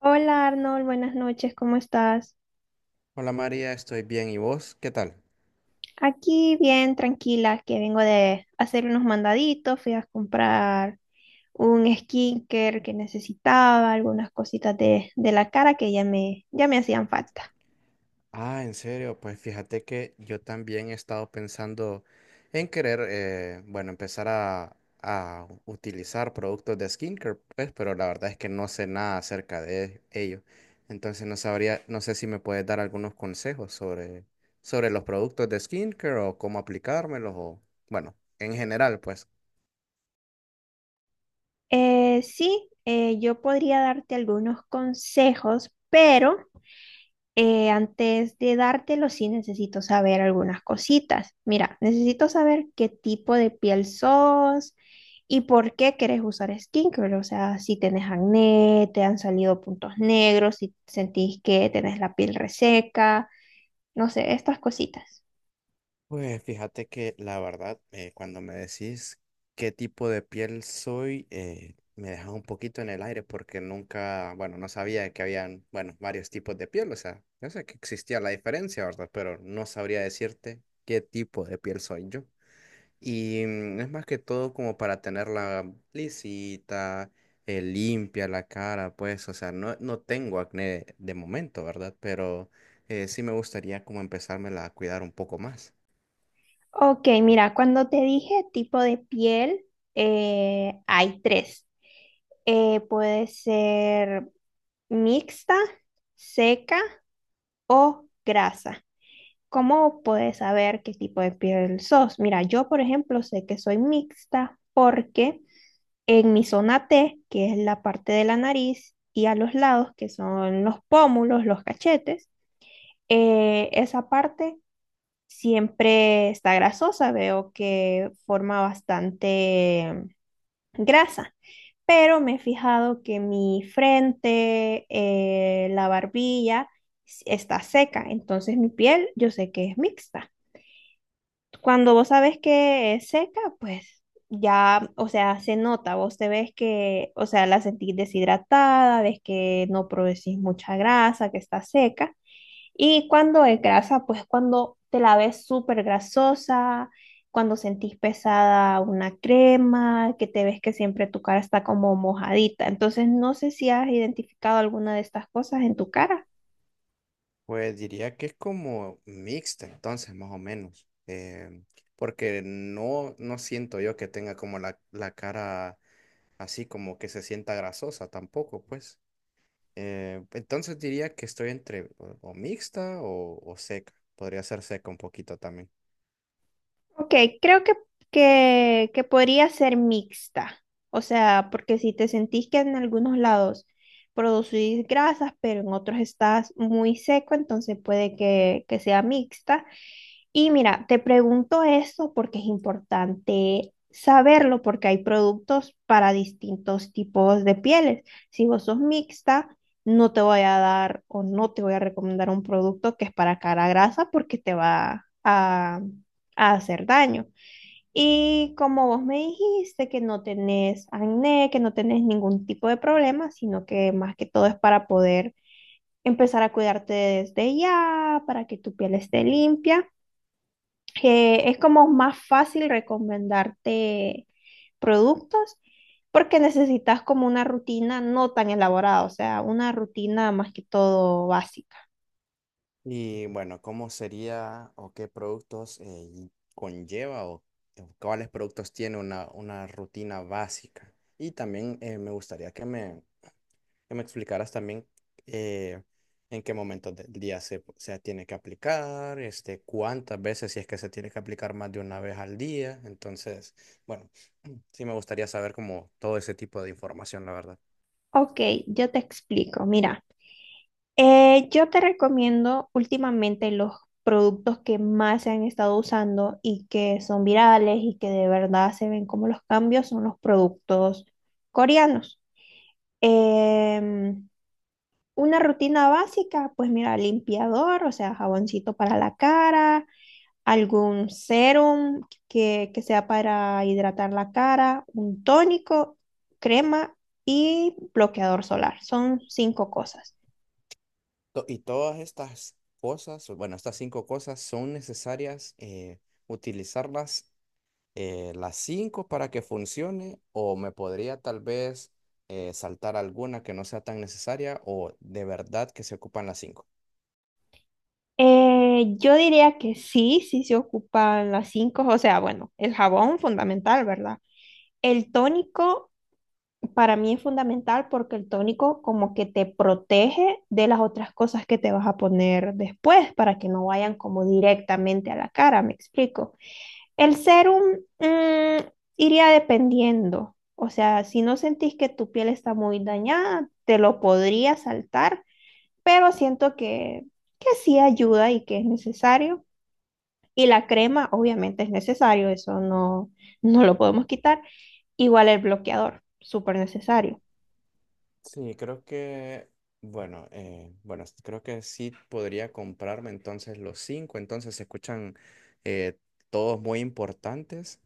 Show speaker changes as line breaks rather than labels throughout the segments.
Hola Arnold, buenas noches, ¿cómo estás?
Hola María, estoy bien. ¿Y vos? ¿Qué tal?
Aquí bien, tranquila, que vengo de hacer unos mandaditos, fui a comprar un skincare que necesitaba, algunas cositas de la cara que ya me hacían falta.
Ah, en serio, pues fíjate que yo también he estado pensando en querer, bueno, empezar a utilizar productos de skincare, pues, pero la verdad es que no sé nada acerca de ello. Entonces no sabría, no sé si me puedes dar algunos consejos sobre los productos de skincare o cómo aplicármelos o, bueno, en general, pues.
Sí, yo podría darte algunos consejos, pero antes de dártelo, sí necesito saber algunas cositas. Mira, necesito saber qué tipo de piel sos y por qué querés usar skincare. O sea, si tenés acné, te han salido puntos negros, si sentís que tenés la piel reseca, no sé, estas cositas.
Pues fíjate que la verdad, cuando me decís qué tipo de piel soy, me dejas un poquito en el aire porque nunca, bueno, no sabía que habían, bueno, varios tipos de piel, o sea, yo sé que existía la diferencia, ¿verdad? Pero no sabría decirte qué tipo de piel soy yo. Y es más que todo como para tenerla lisita, limpia la cara, pues, o sea, no tengo acné de momento, ¿verdad? Pero sí me gustaría como empezármela a cuidar un poco más.
Ok, mira, cuando te dije tipo de piel, hay tres. Puede ser mixta, seca o grasa. ¿Cómo puedes saber qué tipo de piel sos? Mira, yo por ejemplo sé que soy mixta porque en mi zona T, que es la parte de la nariz, y a los lados, que son los pómulos, los cachetes, esa parte siempre está grasosa, veo que forma bastante grasa, pero me he fijado que mi frente, la barbilla está seca, entonces mi piel yo sé que es mixta. Cuando vos sabes que es seca, pues ya, o sea, se nota, vos te ves que, o sea, la sentís deshidratada, ves que no producís mucha grasa, que está seca. Y cuando es grasa, pues cuando te la ves súper grasosa, cuando sentís pesada una crema, que te ves que siempre tu cara está como mojadita. Entonces, no sé si has identificado alguna de estas cosas en tu cara.
Pues diría que es como mixta, entonces, más o menos. Porque no, no siento yo que tenga como la cara así como que se sienta grasosa tampoco, pues. Entonces diría que estoy entre o mixta o seca. Podría ser seca un poquito también.
Ok, creo que podría ser mixta. O sea, porque si te sentís que en algunos lados producís grasas, pero en otros estás muy seco, entonces puede que sea mixta. Y mira, te pregunto eso porque es importante saberlo, porque hay productos para distintos tipos de pieles. Si vos sos mixta, no te voy a dar o no te voy a recomendar un producto que es para cara grasa porque te va a hacer daño. Y como vos me dijiste que no tenés acné, que no tenés ningún tipo de problema, sino que más que todo es para poder empezar a cuidarte desde ya, para que tu piel esté limpia, es como más fácil recomendarte productos porque necesitas como una rutina no tan elaborada, o sea, una rutina más que todo básica.
Y bueno, ¿cómo sería o qué productos y conlleva o cuáles productos tiene una rutina básica? Y también me gustaría que me explicaras también eh, en qué momentos del día se, se tiene que aplicar, este, cuántas veces, si es que se tiene que aplicar más de una vez al día. Entonces, bueno, sí me gustaría saber como todo ese tipo de información, la verdad.
Ok, yo te explico. Mira, yo te recomiendo últimamente los productos que más se han estado usando y que son virales y que de verdad se ven como los cambios son los productos coreanos. Em, Una rutina básica, pues mira, limpiador, o sea, jaboncito para la cara, algún serum que sea para hidratar la cara, un tónico, crema y bloqueador solar. Son cinco cosas.
Y todas estas cosas, o bueno, estas cinco cosas son necesarias utilizarlas las cinco para que funcione o me podría tal vez saltar alguna que no sea tan necesaria o de verdad que se ocupan las cinco.
Yo diría que sí, sí se ocupan las cinco, o sea, bueno, el jabón fundamental, ¿verdad? El tónico, para mí es fundamental porque el tónico como que te protege de las otras cosas que te vas a poner después para que no vayan como directamente a la cara, me explico. El serum, mm, iría dependiendo, o sea, si no sentís que tu piel está muy dañada, te lo podría saltar, pero siento que sí ayuda y que es necesario. Y la crema obviamente es necesario, eso no, no lo podemos quitar. Igual el bloqueador, súper necesario.
Sí, creo que, bueno, bueno, creo que sí podría comprarme entonces los cinco, entonces se escuchan eh, todos muy importantes.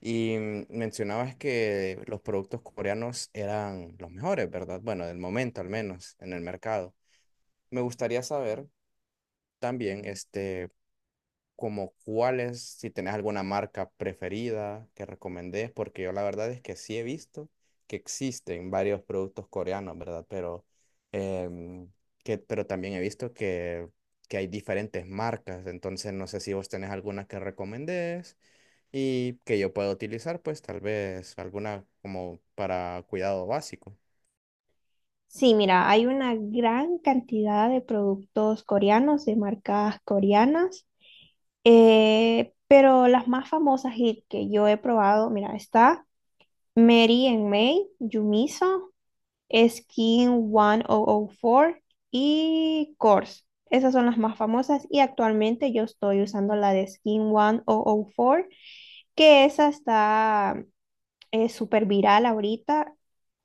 Y mencionabas que los productos coreanos eran los mejores, ¿verdad? Bueno, del momento al menos en el mercado. Me gustaría saber también, este, como cuáles, si tenés alguna marca preferida que recomendés, porque yo la verdad es que sí he visto que existen varios productos coreanos, ¿verdad? Pero, em, que, pero también he visto que hay diferentes marcas, entonces no sé si vos tenés alguna que recomendés y que yo pueda utilizar, pues tal vez alguna como para cuidado básico.
Sí, mira, hay una gran cantidad de productos coreanos, de marcas coreanas, pero las más famosas y que yo he probado, mira, está Mary and May, Yumiso, Skin 1004 y Kors. Esas son las más famosas y actualmente yo estoy usando la de Skin 1004, que esa está es súper viral ahorita,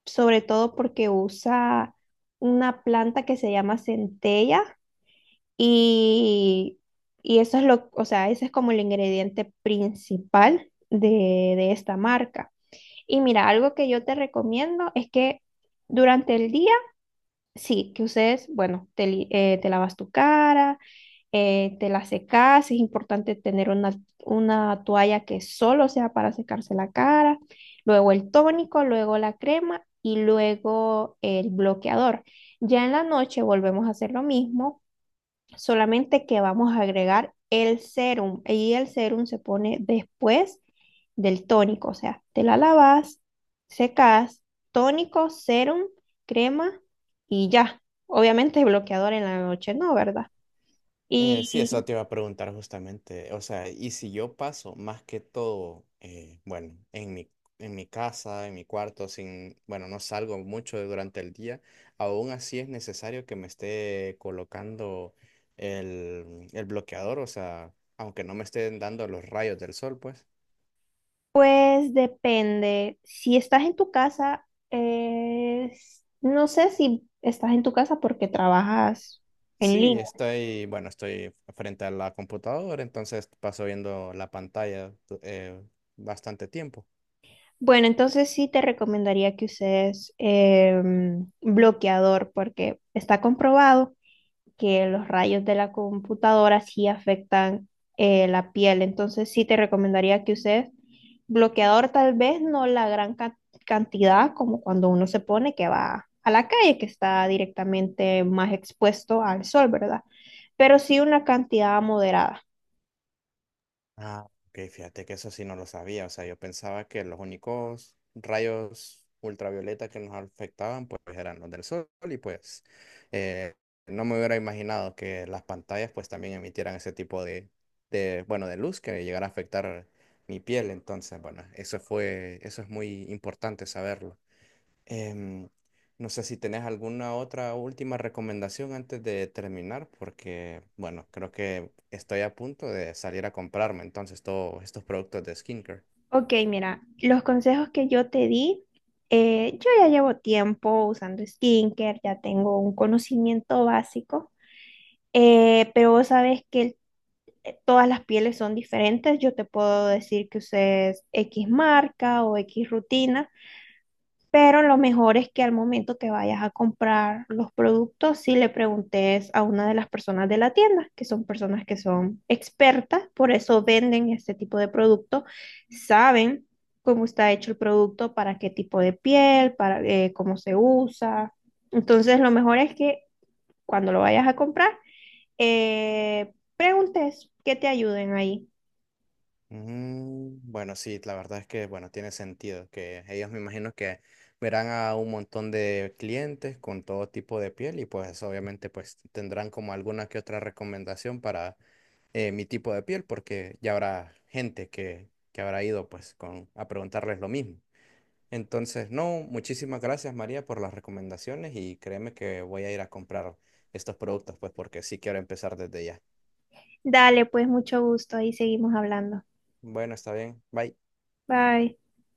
sobre todo porque usa una planta que se llama centella y, y eso es o sea, ese es como el ingrediente principal de esta marca. Y mira, algo que yo te recomiendo es que durante el día, sí, que ustedes, bueno, te lavas tu cara, te la secas, es importante tener una toalla que solo sea para secarse la cara, luego el tónico, luego la crema y luego el bloqueador. Ya en la noche volvemos a hacer lo mismo, solamente que vamos a agregar el serum y el serum se pone después del tónico, o sea, te la lavas, secas, tónico, serum, crema y ya. Obviamente bloqueador en la noche, ¿no? ¿Verdad?
Sí, eso
Y
te iba a preguntar justamente. O sea, y si yo paso más que todo, bueno, en en mi casa, en mi cuarto, sin, bueno, no salgo mucho durante el día, aún así es necesario que me esté colocando el bloqueador, o sea, aunque no me estén dando los rayos del sol, pues.
pues depende. Si estás en tu casa, no sé si estás en tu casa porque trabajas en
Sí,
línea.
estoy, bueno, estoy frente a la computadora, entonces paso viendo la pantalla eh, bastante tiempo.
Bueno, entonces sí te recomendaría que uses bloqueador porque está comprobado que los rayos de la computadora sí afectan la piel. Entonces sí te recomendaría que uses bloqueador, tal vez no la gran cantidad como cuando uno se pone que va a la calle, que está directamente más expuesto al sol, ¿verdad? Pero sí una cantidad moderada.
Ah, ok, fíjate que eso sí no lo sabía. O sea, yo pensaba que los únicos rayos ultravioleta que nos afectaban pues eran los del sol y pues eh, no me hubiera imaginado que las pantallas pues también emitieran ese tipo de, bueno, de luz que llegara a afectar mi piel. Entonces, bueno, eso fue, eso es muy importante saberlo. Em, no sé si tenés alguna otra última recomendación antes de terminar, porque, bueno, creo que estoy a punto de salir a comprarme entonces todos estos productos de skincare.
Ok, mira, los consejos que yo te di, yo ya llevo tiempo usando skincare, ya tengo un conocimiento básico. Pero vos sabes que todas las pieles son diferentes. Yo te puedo decir que uses X marca o X rutina, pero lo mejor es que al momento que vayas a comprar los productos, si le preguntes a una de las personas de la tienda, que son personas que son expertas, por eso venden este tipo de producto, saben cómo está hecho el producto, para qué tipo de piel, para cómo se usa. Entonces, lo mejor es que cuando lo vayas a comprar, preguntes que te ayuden ahí.
Mm, bueno, sí, la verdad es que, bueno, tiene sentido que ellos me imagino que verán a un montón de clientes con todo tipo de piel y pues obviamente pues tendrán como alguna que otra recomendación para mi tipo de piel, porque ya habrá gente que habrá ido pues con, a preguntarles lo mismo. Entonces, no, muchísimas gracias María por las recomendaciones y créeme que voy a ir a comprar estos productos, pues porque sí quiero empezar desde ya.
Dale, pues mucho gusto. Ahí seguimos hablando.
Bueno, está bien. Bye.
Bye.